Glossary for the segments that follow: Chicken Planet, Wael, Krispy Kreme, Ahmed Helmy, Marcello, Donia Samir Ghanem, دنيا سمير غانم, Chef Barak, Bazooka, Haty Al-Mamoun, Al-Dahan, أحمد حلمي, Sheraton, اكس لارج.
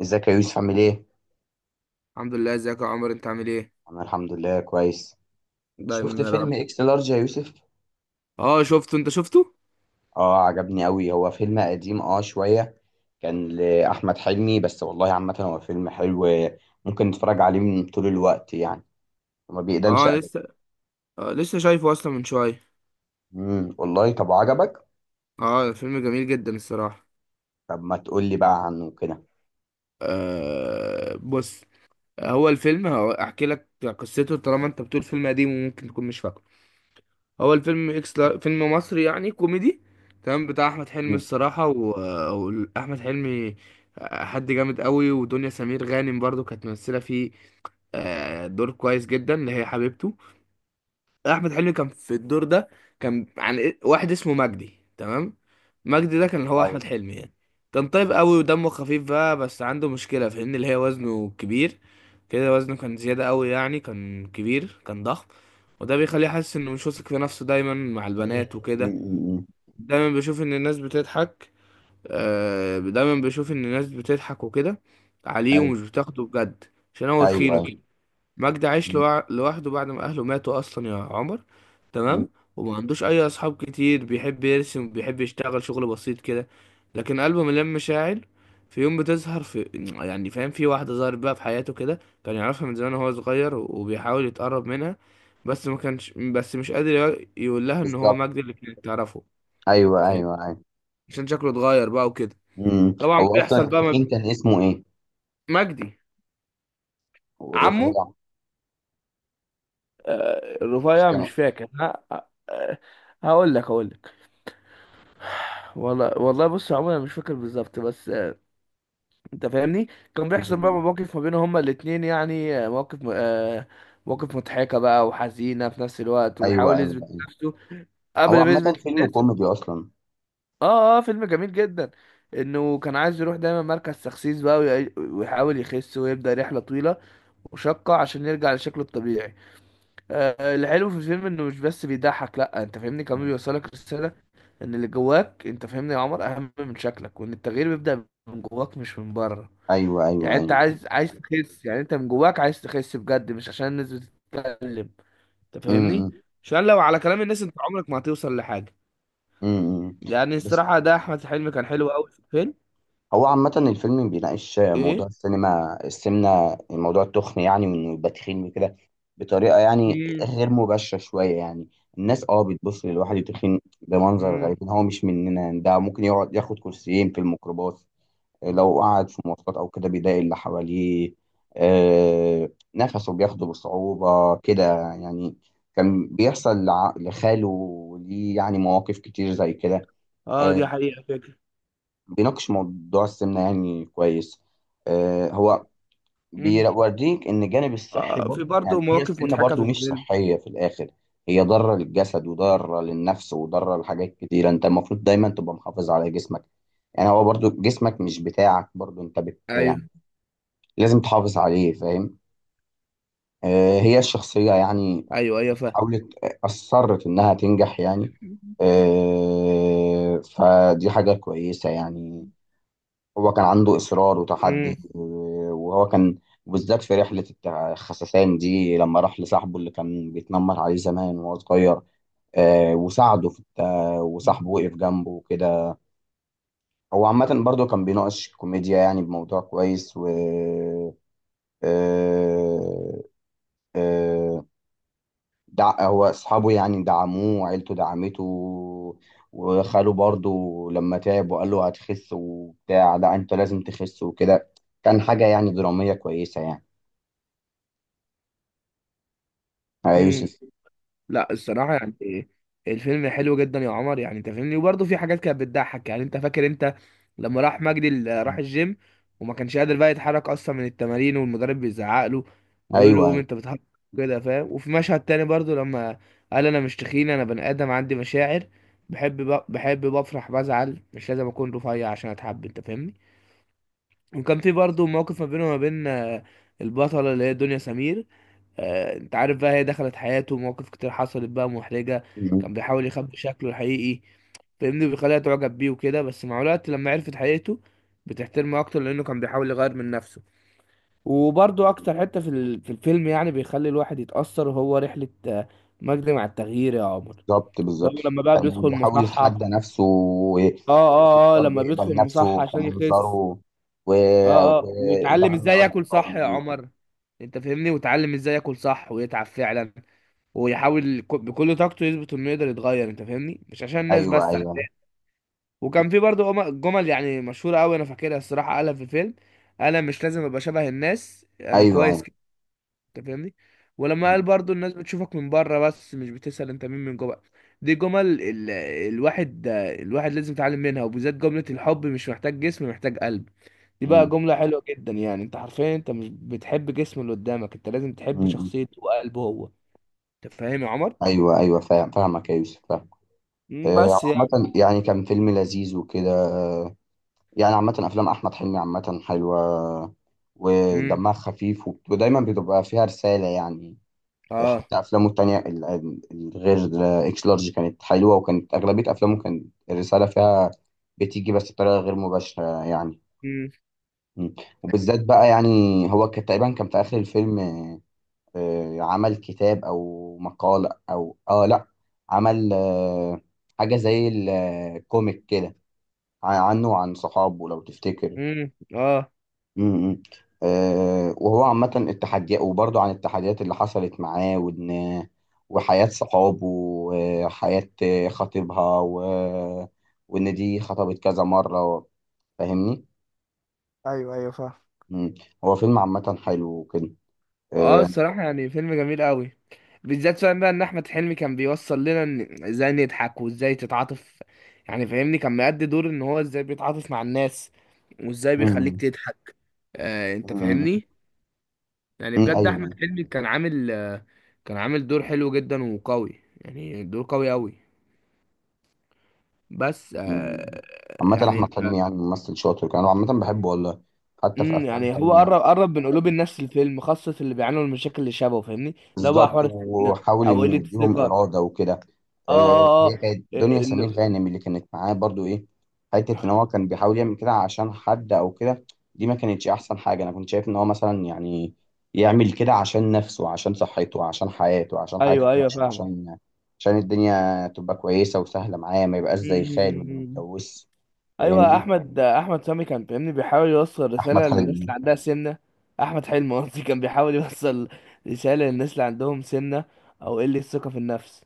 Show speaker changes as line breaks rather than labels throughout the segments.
ازيك يا يوسف عامل ايه؟
الحمد لله، ازيك يا عمر، انت عامل ايه؟
انا الحمد لله كويس. شفت
دايما يا
فيلم
رب.
اكس لارج يا يوسف؟
اه شفته. انت شفته.
اه، عجبني قوي. هو فيلم قديم شوية. كان لأحمد حلمي بس والله. عامة هو فيلم حلو، ممكن نتفرج عليه من طول الوقت يعني، وما بيقدمش
اه
ابدا.
لسه. آه لسه شايفه اصلا من شويه.
والله، طب عجبك؟
اه، فيلم جميل جدا الصراحه.
طب ما تقول لي بقى عنه كده.
آه بص، هو الفيلم احكي لك قصته، طالما انت بتقول فيلم قديم وممكن تكون مش فاكره. هو الفيلم فيلم مصري يعني كوميدي، تمام، بتاع احمد حلمي
امم.
الصراحه. واحمد حلمي حد جامد قوي، ودنيا سمير غانم برضو كانت ممثله فيه. دور كويس جدا اللي هي حبيبته. احمد حلمي كان في الدور ده. كان عن واحد اسمه مجدي، تمام. مجدي ده كان هو
ايوه.
احمد حلمي يعني. كان طيب قوي ودمه خفيف بقى، بس عنده مشكله في ان اللي هي وزنه كبير كده. وزنه كان زياده قوي، يعني كان كبير، كان ضخم. وده بيخليه حاسس انه مش واثق في نفسه دايما مع
مم،
البنات وكده.
مم، مم،
دايما بيشوف ان الناس بتضحك. دايما بيشوف ان الناس بتضحك وكده عليه،
مم.
ومش بتاخده بجد عشان هو
ايوه ايوه
تخين
أيوه.
وكده. مجدي عايش
مم،
لوحده بعد ما اهله ماتوا اصلا يا عمر،
مم.
تمام. وما عندوش اي اصحاب كتير، بيحب يرسم، بيحب يشتغل شغل بسيط كده، لكن قلبه مليان مشاعر. في يوم بتظهر في يعني فاهم، في واحدة ظهرت بقى في حياته كده، كان يعرفها من زمان وهو صغير وبيحاول يتقرب منها. بس ما كانش، بس مش قادر يقول لها ان هو
بالظبط.
مجدي اللي كانت تعرفه. أنت
ايوه
فاهم،
ايوه ايوه.
عشان شكله اتغير بقى وكده.
مم.
طبعا
هو اصلا
بيحصل بقى.
التخين كان اسمه ايه؟
مجدي. عمه.
والرفيع؟ مش
رفيع مش فاكر ها. آه، هقول لك. والله والله، بص يا عمر، انا مش فاكر بالظبط، بس انت فاهمني. كان بيحصل بقى
كان.
مواقف ما بينهم هما الاتنين، يعني آه، مواقف م- آه، مواقف مضحكة بقى وحزينة في نفس الوقت،
ايوه
وبيحاول
ايوه
يثبت
ايوه.
نفسه
هو
قبل ما
عامة
يثبت
فيلم
للناس.
كوميدي اصلا.
اه اه، فيلم جميل جدا، انه كان عايز يروح دايما مركز تخسيس بقى، ويحاول يخس، ويبدأ رحلة طويلة وشاقة عشان يرجع لشكله الطبيعي. الحلو في الفيلم انه مش بس بيضحك، لا انت فاهمني، كمان
مم.
بيوصلك رسالة، ان اللي جواك انت فاهمني يا عمر اهم من شكلك، وان التغيير بيبدأ من جواك مش من بره.
ايوه ايوه
يعني انت
ايوه.
عايز تخس، يعني انت من جواك عايز تخس بجد، مش عشان الناس بتتكلم. انت فاهمني،
امم.
عشان لو على كلام الناس انت عمرك ما هتوصل لحاجة.
امم.
يعني
بس
الصراحة ده احمد حلمي كان حلو قوي في الفيلم.
هو عامة الفيلم بيناقش موضوع
ايه.
السينما، السمنة، موضوع التخن يعني، وانه يبقى تخين وكده، بطريقة يعني
امم.
غير مباشرة شوية يعني. الناس اه بتبص للواحد التخين بمنظر غريب
امم.
إن هو مش مننا، يعني ده ممكن يقعد ياخد كرسيين في الميكروباص. لو قعد في مواصلات او كده بيضايق اللي حواليه. نفسه بياخده بصعوبة كده يعني. كان بيحصل لخاله ليه يعني مواقف كتير زي كده.
اه
آه،
دي حقيقة فكرة.
بيناقش موضوع السمنة يعني كويس. هو
امم.
بيوريك ان الجانب الصحي برضه،
في برضه
يعني هي
مواقف
السمنة
مضحكة في
برضه مش
الفيلم.
صحية في الاخر. هي ضارة للجسد وضارة للنفس وضارة لحاجات كتيرة، انت المفروض دايما تبقى محافظ على جسمك. يعني هو برضو جسمك مش بتاعك، برضو انت بت
ايوه
يعني لازم تحافظ عليه، فاهم. هي الشخصية يعني
ايوه ايوه
حاولت، أصرت إنها تنجح يعني.
فاهم.
فدي حاجة كويسة يعني. هو كان عنده إصرار وتحدي
امم.
وهو كان بالذات في رحلة الخسسان دي، لما راح لصاحبه اللي كان بيتنمر عليه زمان وهو صغير. وساعده في وصاحبه وقف جنبه وكده. هو عامة برضه كان بيناقش كوميديا يعني بموضوع كويس و آه، آه، هو اصحابه يعني دعموه وعيلته دعمته، وخاله برضه لما تعب وقال له هتخس وبتاع لا انت لازم تخس وكده. كان حاجة يعني درامية كويسة يعني، يا
امم.
يوسف.
لا الصراحه يعني الفيلم حلو جدا يا عمر، يعني انت فاهمني، وبرضه في حاجات كانت بتضحك يعني. انت فاكر انت لما راح مجدي راح الجيم، وما كانش قادر بقى يتحرك اصلا من التمارين، والمدرب بيزعق له وبيقول له
ايوه.
قوم انت بتهرب، كده فاهم. وفي مشهد تاني برضه لما قال انا مش تخين، انا بني ادم عندي مشاعر، بحب بحب، بفرح، بزعل، مش لازم اكون رفيع عشان اتحب، انت فاهمني. وكان في برضه موقف ما بينه وما بين البطلة اللي هي دنيا سمير. انت عارف بقى، هي دخلت حياته، ومواقف كتير حصلت بقى محرجة.
م-
كان بيحاول يخبي شكله الحقيقي، فاهمني، بيخليها تعجب بيه وكده. بس مع الوقت لما عرفت حقيقته بتحترمه اكتر، لانه كان بيحاول يغير من نفسه. وبرضه اكتر حتة في في الفيلم، يعني بيخلي الواحد يتأثر، هو رحلة مجدي مع التغيير يا عمر،
بالظبط
لو
بالظبط.
لما بقى
كان
بيدخل
بيحاول يتحدى
مصحة.
نفسه،
اه
وبرضه
اه اه، لما
يقبل
بيدخل مصحة
نفسه
عشان يخس.
كمنظره و... و...
اه اه، ويتعلم
ودعم
ازاي ياكل
اصدقائه
صح يا
ليه وكده.
عمر. انت فاهمني، ويتعلم ازاي ياكل صح ويتعب فعلا، ويحاول بكل طاقته يثبت انه يقدر يتغير، انت فاهمني، مش عشان الناس
ايوه
بس عشان.
ايوه
وكان في برضه جمل يعني مشهوره قوي انا فاكرها الصراحه، قالها في الفيلم، قال أنا مش لازم ابقى شبه الناس، انا
ايوه
كويس
ايوه.
كده، انت فاهمني. ولما
م-
قال برضه الناس بتشوفك من بره، بس مش بتسأل انت مين من جوه. دي جمل. الواحد لازم يتعلم منها، وبالذات جملة الحب مش محتاج جسم، محتاج قلب. دي بقى
م-
جملة حلوة جدا، يعني انت حرفيا انت مش بتحب جسم اللي قدامك، انت لازم تحب
م-
شخصيته وقلبه هو. انت فاهم يا عمر؟
ايوه ايوه، فاهم، فاهمك يا يوسف، فاهم.
مم، بس يعني.
عامة يعني كان فيلم لذيذ وكده. يعني عامة أفلام أحمد حلمي عامة حلوة،
امم.
ودمها خفيف، ودايما بتبقى فيها رسالة يعني.
اه.
حتى أفلامه التانية الغير إكس لارج كانت حلوة، وكانت أغلبية أفلامه كانت الرسالة فيها بتيجي بس بطريقة غير مباشرة يعني.
امم.
م. وبالذات بقى يعني هو كان تقريبا كان في آخر الفيلم، عمل كتاب أو مقالة أو لأ، عمل حاجة زي الكوميك كده، عنه وعن صحابه لو تفتكر.
امم. اه.
امم. أه، وهو عامة التحديات، وبرضه عن التحديات اللي حصلت معاه، وإن وحياة صحابه وحياة خطيبها وإن دي خطبت كذا مرة. فاهمني؟
ايوه ايوه فاهم.
مم. هو فيلم عامة حلو وكده،
اه
أه.
الصراحة يعني فيلم جميل قوي، بالذات فاهم بقى ان احمد حلمي كان بيوصل لنا ان ازاي نضحك وازاي تتعاطف، يعني فاهمني، كان مأدي دور ان هو ازاي بيتعاطف مع الناس وازاي بيخليك
مم.
تضحك، آه انت
مم.
فاهمني. يعني
مم.
بجد احمد
أيوه.
حلمي كان عامل كان عامل دور حلو جدا وقوي، يعني دور قوي قوي. بس
مم. عامة
يعني
أحمد
انت.
حلمي يعني ممثل شاطر كان، وعامة بحبه والله، حتى في أفلام
يعني هو
تانية.
قرب من قلوب الناس، الفيلم خاصة اللي بيعانوا من المشاكل اللي شبهه، فاهمني، لا بقى
بالظبط،
حوار السمنة
وحاول
او قلة
انه يديهم
الثقة.
اراده وكده.
اه
هي
اه
كانت
اه،
دنيا سمير
ال-
غانم اللي كانت معاه برضو ايه، حته ان هو كان بيحاول يعمل كده عشان حد او كده. دي ما كانتش احسن حاجه، انا كنت شايف ان هو مثلا يعني يعمل كده عشان نفسه، عشان صحته، عشان حياته، عشان حياته
ايوه ايوه
تمشي،
فاهمك.
عشان عشان الدنيا تبقى كويسه وسهله معاه، ما يبقاش زي خال اللي
أمم.
متجوز.
ايوه،
فاهمني.
احمد سامي كان، فاهمني، بيحاول يوصل
احمد
رسالة للناس
حلمي.
اللي عندها سمنة. احمد حلمي قصدي، كان بيحاول يوصل رسالة للناس اللي عندهم سمنة او قلة ثقة في النفس.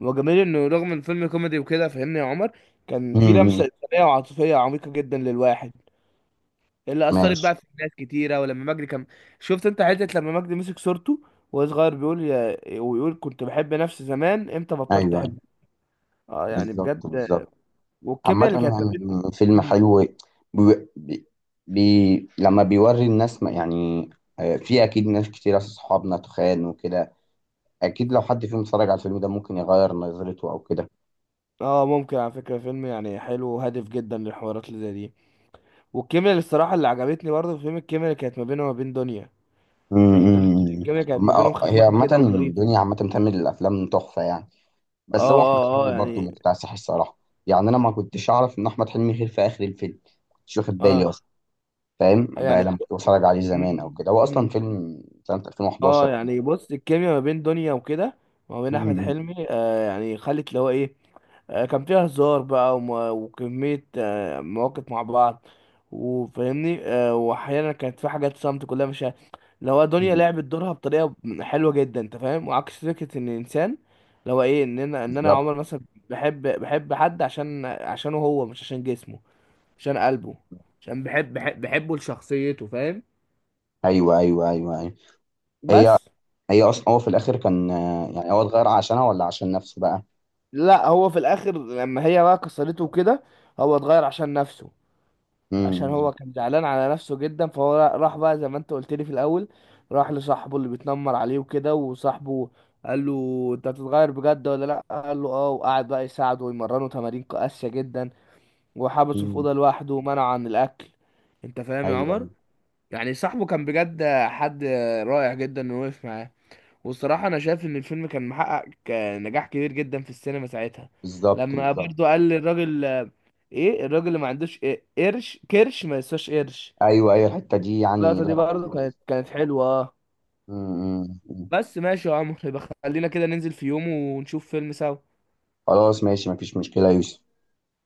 وجميل انه رغم الفيلم كوميدي وكده فاهمني يا عمر، كان في
امم.
لمسة إنسانية وعاطفية عميقة جدا للواحد، اللي اثرت
ماشي.
بقى في ناس كتيره. ولما مجدي كان، شفت انت حته لما مجدي مسك صورته وهو صغير بيقول ويقول كنت بحب نفسي زمان، امتى بطلت
ايوه أيوه.
احب. اه يعني بجد.
بالظبط بالظبط.
والكيمياء
عامة
اللي كانت ما بينه.
يعني فيلم
مم.
حلو. بي... بي... لما بيوري الناس ما يعني، في أكيد ناس كتير أصحابنا تخان وكده، أكيد لو حد فيهم اتفرج على الفيلم ده ممكن يغير نظرته أو كده.
اه، ممكن على فكره فيلم يعني حلو وهادف جدا للحوارات اللي زي دي. والكيمياء اللي الصراحه اللي عجبتني برضه في فيلم، الكيمياء اللي كانت ما بينه وما بين دنيا، يعني دنيا،
أمم.
الكيمياء كانت ما بينهم
هي
خفيفه
عامة
كده وظريفه.
الدنيا عامة بتعمل الأفلام تحفة يعني،
اه
بس هو أحمد
اه
حلمي
اه
برضه
يعني.
مكتسح الصراحة. يعني أنا ما كنتش أعرف إن أحمد حلمي خير في آخر الفيلم، كنتش واخد بالي
اه
أصلا. فاهم بقى
يعني.
لما كنت بتفرج عليه زمان أو كده، هو أصلا
مم.
فيلم سنة 2011.
اه يعني بص، الكيميا ما بين دنيا وكده وما بين احمد
أمم.
حلمي، يعني خلت اللي هو ايه، كان فيها هزار بقى وكمية مواقف مع بعض. وفاهمني، واحيانا كانت في حاجات صمت كلها مش اللي هو دنيا لعبت دورها بطريقة حلوة جدا، انت فاهم، وعكس فكرة ان الانسان اللي هو ايه، ان انا
بالظبط.
عمر مثلا بحب حد عشانه هو، مش عشان جسمه، عشان قلبه، عشان بحبه لشخصيته، فاهم.
ايوه ايوه ايوه ايوه. هي
بس.
هي اصلا هو في الاخر كان، يعني هو اتغير عشانها ولا عشان نفسه بقى.
لا، هو في الاخر لما هي بقى كسرته كده هو اتغير عشان نفسه، عشان
امم.
هو كان زعلان على نفسه جدا. فهو راح بقى زي ما انت قلت لي في الاول، راح لصاحبه اللي بيتنمر عليه وكده، وصاحبه قال له انت هتتغير بجد ولا لا؟ قال له اه، وقعد بقى يساعده ويمرنه تمارين قاسية جدا، وحبسه في
امم.
اوضة لوحده ومنعه عن الاكل. انت فاهم يا
ايوه
عمر؟
ايوه.
يعني صاحبه كان بجد حد رائع جدا انه وقف معاه. والصراحة أنا شايف إن الفيلم كان محقق نجاح كبير جدا في السينما ساعتها.
بالظبط
لما
بالظبط.
برضو قال للراجل إيه الراجل اللي ما عندوش إيه قرش، كرش ما يسواش قرش.
ايوه ايوه، الحته دي يعني
اللقطة دي
ضربت
برضو كانت
خالص.
كانت حلوة آه.
امم. أمم، أمم.
بس ماشي يا عمرو، يبقى خلينا كده ننزل في يوم ونشوف فيلم سوا.
خلاص ماشي، مفيش مشكله يا يوسف.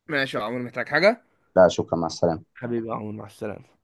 ماشي يا عمرو، محتاج حاجة؟
لا شكرا، مع السلامه.
حبيبي يا عمرو، مع السلامة.